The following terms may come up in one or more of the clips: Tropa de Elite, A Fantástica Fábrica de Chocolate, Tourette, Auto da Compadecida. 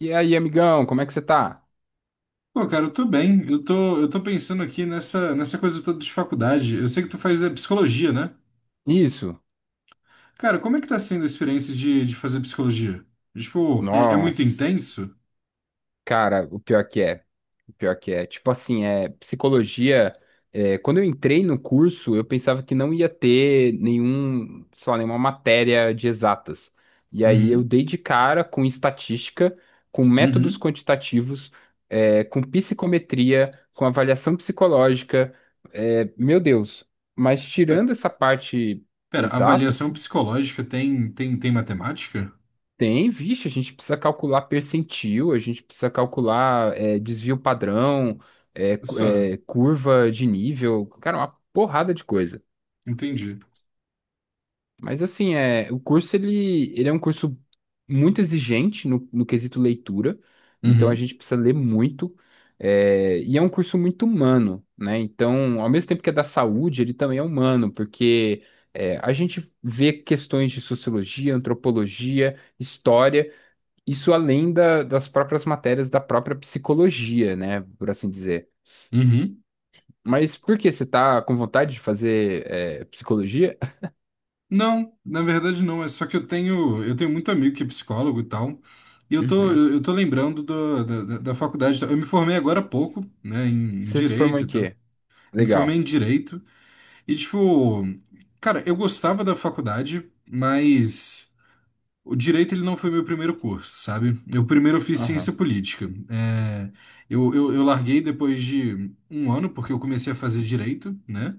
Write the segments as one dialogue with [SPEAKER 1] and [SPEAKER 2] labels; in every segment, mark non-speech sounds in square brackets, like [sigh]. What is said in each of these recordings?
[SPEAKER 1] E aí, amigão, como é que você tá?
[SPEAKER 2] Pô, cara, eu tô bem. Eu tô pensando aqui nessa coisa toda de faculdade. Eu sei que tu faz psicologia, né?
[SPEAKER 1] Isso?
[SPEAKER 2] Cara, como é que tá sendo a experiência de fazer psicologia? Tipo, é muito
[SPEAKER 1] Nossa,
[SPEAKER 2] intenso?
[SPEAKER 1] cara, o pior que é. O pior que é. Tipo assim, é psicologia. Quando eu entrei no curso, eu pensava que não ia ter nenhum, sei lá, nenhuma matéria de exatas. E aí eu
[SPEAKER 2] Uhum,
[SPEAKER 1] dei de cara com estatística, com métodos
[SPEAKER 2] uhum.
[SPEAKER 1] quantitativos, com psicometria, com avaliação psicológica. É, meu Deus. Mas
[SPEAKER 2] Pe-
[SPEAKER 1] tirando essa parte
[SPEAKER 2] Pera,
[SPEAKER 1] exatas.
[SPEAKER 2] avaliação psicológica tem matemática?
[SPEAKER 1] Tem, vixe, a gente precisa calcular percentil, a gente precisa calcular desvio padrão,
[SPEAKER 2] Só,
[SPEAKER 1] curva de nível, cara, uma porrada de coisa.
[SPEAKER 2] entendi.
[SPEAKER 1] Mas assim, o curso ele é um curso muito exigente no quesito leitura, então a
[SPEAKER 2] Uhum,
[SPEAKER 1] gente precisa ler muito, e é um curso muito humano, né? Então, ao mesmo tempo que é da saúde, ele também é humano, porque a gente vê questões de sociologia, antropologia, história. Isso além das próprias matérias da própria psicologia, né? Por assim dizer.
[SPEAKER 2] uhum.
[SPEAKER 1] Mas por que você tá com vontade de fazer psicologia?
[SPEAKER 2] Não, na verdade não. É só que eu tenho muito amigo que é psicólogo e tal. E eu tô,
[SPEAKER 1] Uhum.
[SPEAKER 2] eu eu tô lembrando do, da, da da faculdade. Eu me formei agora há pouco, né, em
[SPEAKER 1] Você se formou
[SPEAKER 2] direito e
[SPEAKER 1] em
[SPEAKER 2] tal.
[SPEAKER 1] quê?
[SPEAKER 2] Me formei
[SPEAKER 1] Legal.
[SPEAKER 2] em direito e, tipo, cara, eu gostava da faculdade, mas o direito ele não foi meu primeiro curso, sabe? Eu primeiro fiz
[SPEAKER 1] Aham.
[SPEAKER 2] ciência política. Eu larguei depois de um ano, porque eu comecei a fazer direito, né?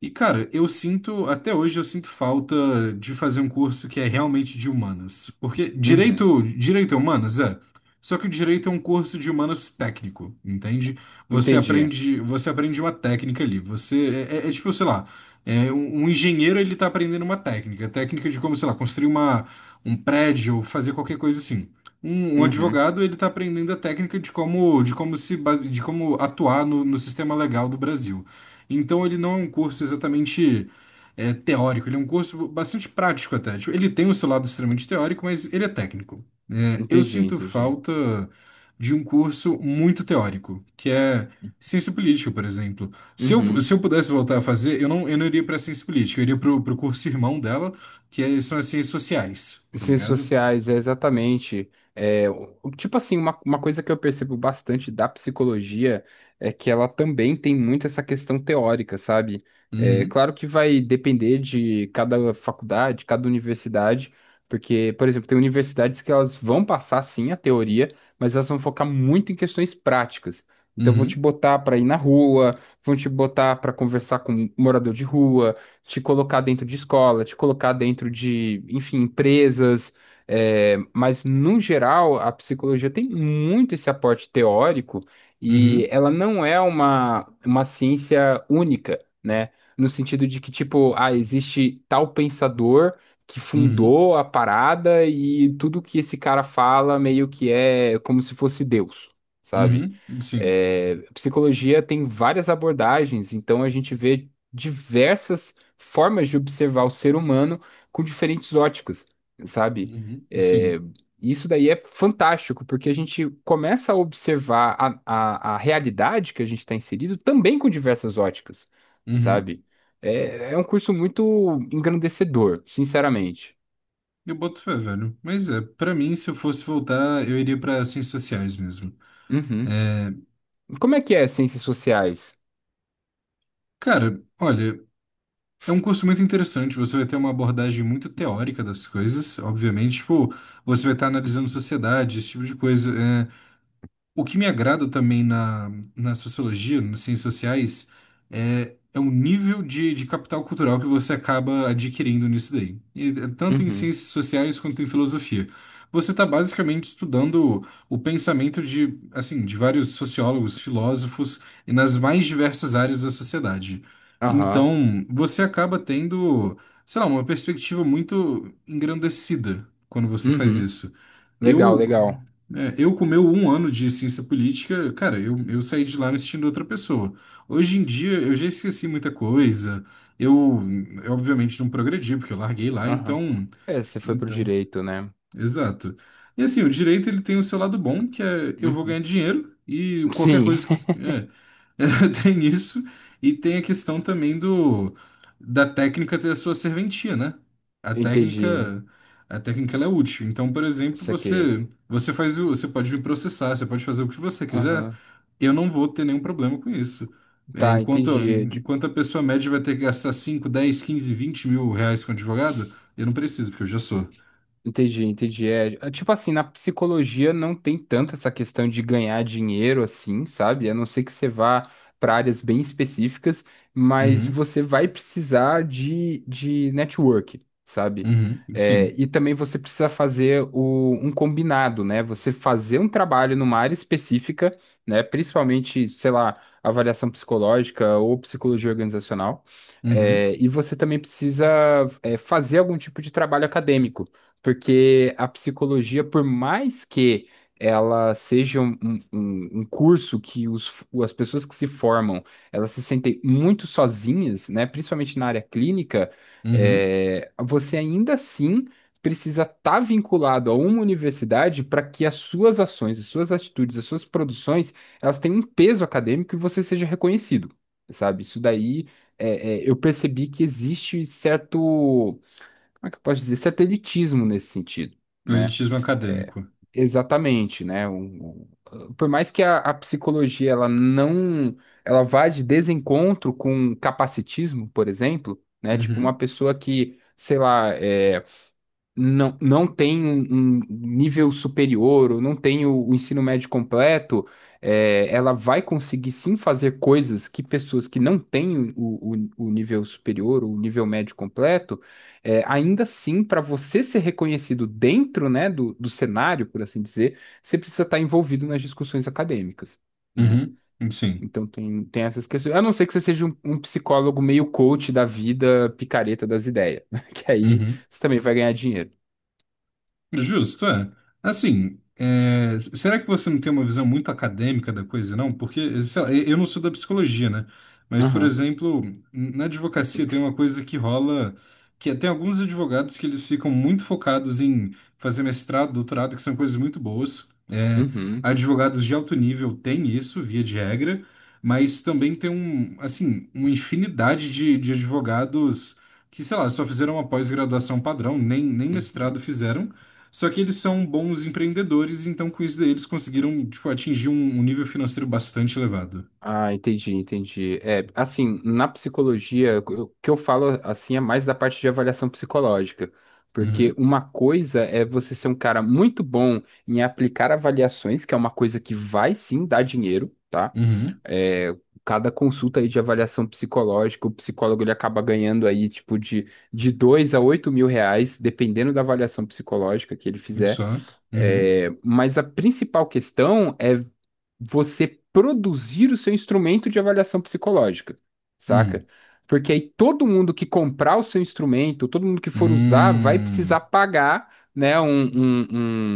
[SPEAKER 2] E, cara, eu sinto, até hoje eu sinto falta de fazer um curso que é realmente de humanas. Porque
[SPEAKER 1] Uhum.
[SPEAKER 2] direito é humanas, é. Só que o direito é um curso de humanas técnico, entende? Você
[SPEAKER 1] Entendi.
[SPEAKER 2] aprende, você aprende uma técnica ali. Você tipo, sei lá, um engenheiro ele tá aprendendo uma técnica de como, sei lá, construir um prédio, fazer qualquer coisa assim. Um
[SPEAKER 1] Uhum.
[SPEAKER 2] advogado ele tá aprendendo a técnica de como atuar no sistema legal do Brasil. Então ele não é um curso exatamente teórico, ele é um curso bastante prático até. Tipo, ele tem o seu lado extremamente teórico, mas ele é técnico. Eu
[SPEAKER 1] Entendi,
[SPEAKER 2] sinto
[SPEAKER 1] entendi.
[SPEAKER 2] falta de um curso muito teórico, que é ciência política, por exemplo. Se eu,
[SPEAKER 1] Uhum.
[SPEAKER 2] se eu pudesse voltar a fazer, eu não iria para ciência política, eu iria para o curso irmão dela, são as ciências sociais, tá
[SPEAKER 1] Ciências
[SPEAKER 2] ligado?
[SPEAKER 1] sociais, é exatamente. Tipo assim, uma coisa que eu percebo bastante da psicologia é que ela também tem muito essa questão teórica, sabe?
[SPEAKER 2] Uhum,
[SPEAKER 1] Claro que vai depender de cada faculdade, cada universidade, porque, por exemplo, tem universidades que elas vão passar sim a teoria, mas elas vão focar muito em questões práticas. Então vão te
[SPEAKER 2] uhum,
[SPEAKER 1] botar para ir na rua, vão te botar para conversar com um morador de rua, te colocar dentro de escola, te colocar dentro de, enfim, empresas. Mas, no geral, a psicologia tem muito esse aporte teórico e
[SPEAKER 2] uhum,
[SPEAKER 1] ela não é uma ciência única, né? No sentido de que, tipo, ah, existe tal pensador que
[SPEAKER 2] uhum,
[SPEAKER 1] fundou a parada e tudo que esse cara fala meio que é como se fosse Deus, sabe?
[SPEAKER 2] uhum, sim,
[SPEAKER 1] Psicologia tem várias abordagens, então a gente vê diversas formas de observar o ser humano com diferentes óticas, sabe?
[SPEAKER 2] uhum,
[SPEAKER 1] É,
[SPEAKER 2] sim,
[SPEAKER 1] isso daí é fantástico, porque a gente começa a observar a realidade que a gente está inserido também com diversas óticas,
[SPEAKER 2] uhum.
[SPEAKER 1] sabe? É um curso muito engrandecedor, sinceramente.
[SPEAKER 2] Eu boto fé, velho. Mas pra mim, se eu fosse voltar, eu iria pra ciências sociais mesmo.
[SPEAKER 1] Uhum.
[SPEAKER 2] É,
[SPEAKER 1] Como é que é ciências sociais?
[SPEAKER 2] Cara, olha, é um curso muito interessante. Você vai ter uma abordagem muito teórica das coisas, obviamente. Tipo, você vai estar analisando sociedade, esse tipo de coisa. O que me agrada também na sociologia, nas ciências sociais, é o nível de capital cultural que você acaba adquirindo nisso daí. E, tanto em
[SPEAKER 1] Uhum.
[SPEAKER 2] ciências sociais quanto em filosofia. Você está basicamente estudando o pensamento assim, de vários sociólogos, filósofos, e nas mais diversas áreas da sociedade.
[SPEAKER 1] Aham.
[SPEAKER 2] Então, você acaba tendo, sei lá, uma perspectiva muito engrandecida quando você faz
[SPEAKER 1] Uhum.
[SPEAKER 2] isso.
[SPEAKER 1] Legal,
[SPEAKER 2] Eu
[SPEAKER 1] legal.
[SPEAKER 2] eu com meu um ano de ciência política, cara, eu saí de lá me sentindo outra pessoa. Hoje em dia eu já esqueci muita coisa. Eu, eu obviamente não progredi porque eu larguei lá,
[SPEAKER 1] Aham.
[SPEAKER 2] então,
[SPEAKER 1] Você foi pro
[SPEAKER 2] então
[SPEAKER 1] direito, né?
[SPEAKER 2] Exato. E assim, o direito ele tem o seu lado bom, que é eu vou
[SPEAKER 1] Uhum.
[SPEAKER 2] ganhar dinheiro e qualquer
[SPEAKER 1] Sim,
[SPEAKER 2] coisa que é, [laughs] tem isso. E tem a questão também do da técnica ter a sua serventia, né?
[SPEAKER 1] [laughs]
[SPEAKER 2] A
[SPEAKER 1] entendi.
[SPEAKER 2] técnica a técnica ela é útil. Então, por exemplo,
[SPEAKER 1] Saquei.
[SPEAKER 2] você pode me processar, você pode fazer o que você quiser.
[SPEAKER 1] Aham.
[SPEAKER 2] Eu não vou ter nenhum problema com isso. É,
[SPEAKER 1] Tá,
[SPEAKER 2] enquanto,
[SPEAKER 1] entendi.
[SPEAKER 2] enquanto a pessoa média vai ter que gastar 5 10 15 20 mil reais com advogado, eu não preciso, porque eu já sou.
[SPEAKER 1] Entendi, entendi. Tipo assim, na psicologia não tem tanto essa questão de ganhar dinheiro assim, sabe? A não ser que você vá para áreas bem específicas, mas
[SPEAKER 2] Uhum.
[SPEAKER 1] você vai precisar de network, sabe?
[SPEAKER 2] Uhum, sim.
[SPEAKER 1] E também você precisa fazer um combinado, né? Você fazer um trabalho numa área específica, né? Principalmente, sei lá, avaliação psicológica ou psicologia organizacional.
[SPEAKER 2] Uhum,
[SPEAKER 1] E você também precisa, fazer algum tipo de trabalho acadêmico, porque a psicologia, por mais que ela seja um curso que as pessoas que se formam, elas se sentem muito sozinhas, né? Principalmente na área clínica,
[SPEAKER 2] uhum.
[SPEAKER 1] você ainda assim precisa estar vinculado a uma universidade para que as suas ações, as suas atitudes, as suas produções, elas tenham um peso acadêmico e você seja reconhecido, sabe? Isso daí, eu percebi que existe certo, como é que eu posso dizer, satelitismo nesse sentido, né?
[SPEAKER 2] Elitismo acadêmico.
[SPEAKER 1] Exatamente, né? Por mais que a psicologia ela não, ela vá de desencontro com capacitismo, por exemplo, né? Tipo uma
[SPEAKER 2] Uhum,
[SPEAKER 1] pessoa que, sei lá, não tem um nível superior ou não tem o ensino médio completo, ela vai conseguir sim fazer coisas que pessoas que não têm o nível superior ou o nível médio completo, ainda assim, para você ser reconhecido dentro, né, do cenário, por assim dizer, você precisa estar envolvido nas discussões acadêmicas, né?
[SPEAKER 2] uhum, sim.
[SPEAKER 1] Então tem essas questões. A não ser que você seja um psicólogo meio coach da vida, picareta das ideias, [laughs] que aí
[SPEAKER 2] Uhum.
[SPEAKER 1] você também vai ganhar dinheiro.
[SPEAKER 2] Justo, é. Assim, será que você não tem uma visão muito acadêmica da coisa, não? Porque, sei lá, eu não sou da psicologia, né? Mas, por
[SPEAKER 1] Aham.
[SPEAKER 2] exemplo, na advocacia tem uma coisa que rola, tem alguns advogados que eles ficam muito focados em fazer mestrado, doutorado, que são coisas muito boas.
[SPEAKER 1] Uhum.
[SPEAKER 2] Advogados de alto nível têm isso, via de regra, mas também tem um, assim, uma infinidade de advogados que, sei lá, só fizeram uma pós-graduação padrão, nem
[SPEAKER 1] Uhum.
[SPEAKER 2] mestrado fizeram. Só que eles são bons empreendedores, então com isso daí eles conseguiram, tipo, atingir um nível financeiro bastante elevado.
[SPEAKER 1] Ah, entendi, entendi. Assim, na psicologia, o que eu falo assim é mais da parte de avaliação psicológica, porque
[SPEAKER 2] Uhum,
[SPEAKER 1] uma coisa é você ser um cara muito bom em aplicar avaliações, que é uma coisa que vai sim dar dinheiro, tá?
[SPEAKER 2] uhum,
[SPEAKER 1] É, Cada consulta aí de avaliação psicológica, o psicólogo ele acaba ganhando aí tipo de 2 a 8 mil reais, dependendo da avaliação psicológica que ele fizer.
[SPEAKER 2] só, uhum,
[SPEAKER 1] Mas a principal questão é você produzir o seu instrumento de avaliação psicológica, saca?
[SPEAKER 2] uhum,
[SPEAKER 1] Porque aí todo mundo que comprar o seu instrumento, todo mundo que for usar, vai
[SPEAKER 2] hum,
[SPEAKER 1] precisar pagar, né, um,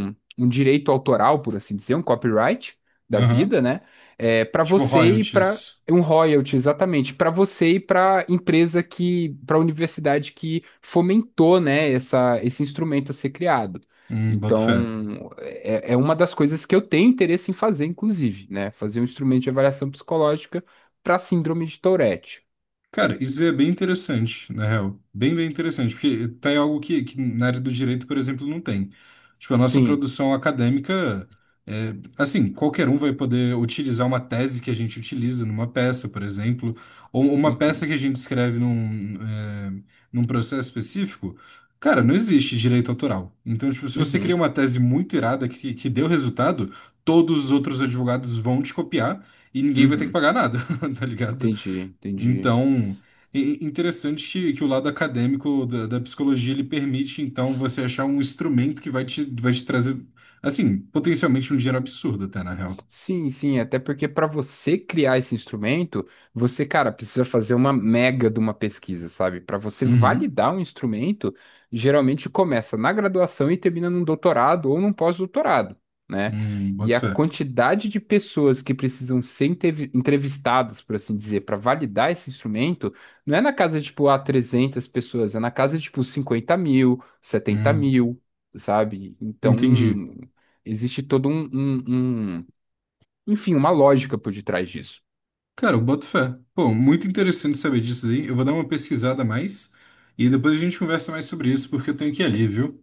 [SPEAKER 1] um direito autoral, por assim dizer, um copyright da
[SPEAKER 2] aham,
[SPEAKER 1] vida, né, para
[SPEAKER 2] Tipo
[SPEAKER 1] você e para
[SPEAKER 2] royalties,
[SPEAKER 1] um royalty, exatamente, para você e para empresa que, para a universidade que fomentou, né, esse instrumento a ser criado.
[SPEAKER 2] boto fé.
[SPEAKER 1] Então, é uma das coisas que eu tenho interesse em fazer, inclusive, né? Fazer um instrumento de avaliação psicológica para síndrome de Tourette.
[SPEAKER 2] Cara, isso é bem interessante, na real. Bem, bem interessante, porque tá aí algo que na área do direito, por exemplo, não tem. Tipo, a nossa
[SPEAKER 1] Sim.
[SPEAKER 2] produção acadêmica, assim, qualquer um vai poder utilizar uma tese que a gente utiliza numa peça, por exemplo, ou uma peça
[SPEAKER 1] Uhum.
[SPEAKER 2] que a gente escreve num processo específico. Cara, não existe direito autoral. Então, tipo, se você cria
[SPEAKER 1] Uhum.
[SPEAKER 2] uma tese muito irada que deu resultado, todos os outros advogados vão te copiar e ninguém vai ter que
[SPEAKER 1] Uhum.
[SPEAKER 2] pagar nada, [laughs] tá ligado?
[SPEAKER 1] Entendi, entendi.
[SPEAKER 2] Então, i- interessante que o lado acadêmico da psicologia ele permite, então, você achar um instrumento que vai te trazer, assim, potencialmente um dinheiro absurdo, até, na real.
[SPEAKER 1] Sim, sim, até porque para você criar esse instrumento, você, cara, precisa fazer uma mega de uma pesquisa, sabe? Para você
[SPEAKER 2] Uhum.
[SPEAKER 1] validar um instrumento, geralmente começa na graduação e termina num doutorado ou num pós-doutorado, né? E
[SPEAKER 2] Boto
[SPEAKER 1] a
[SPEAKER 2] fé.
[SPEAKER 1] quantidade de pessoas que precisam ser entrevistadas, por assim dizer, para validar esse instrumento, não é na casa de, tipo, ah, 300 pessoas, é na casa de, tipo, 50 mil, setenta
[SPEAKER 2] Hum,
[SPEAKER 1] mil, sabe? Então,
[SPEAKER 2] entendi.
[SPEAKER 1] existe todo enfim, uma lógica por detrás disso.
[SPEAKER 2] Cara, eu boto fé. Pô, muito interessante saber disso aí. Eu vou dar uma pesquisada a mais e depois a gente conversa mais sobre isso, porque eu tenho que ir ali, viu?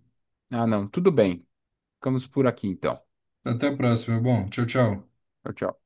[SPEAKER 1] Ah, não, tudo bem. Ficamos por aqui então.
[SPEAKER 2] Até a próxima, meu bom. Tchau, tchau.
[SPEAKER 1] Tchau, tchau.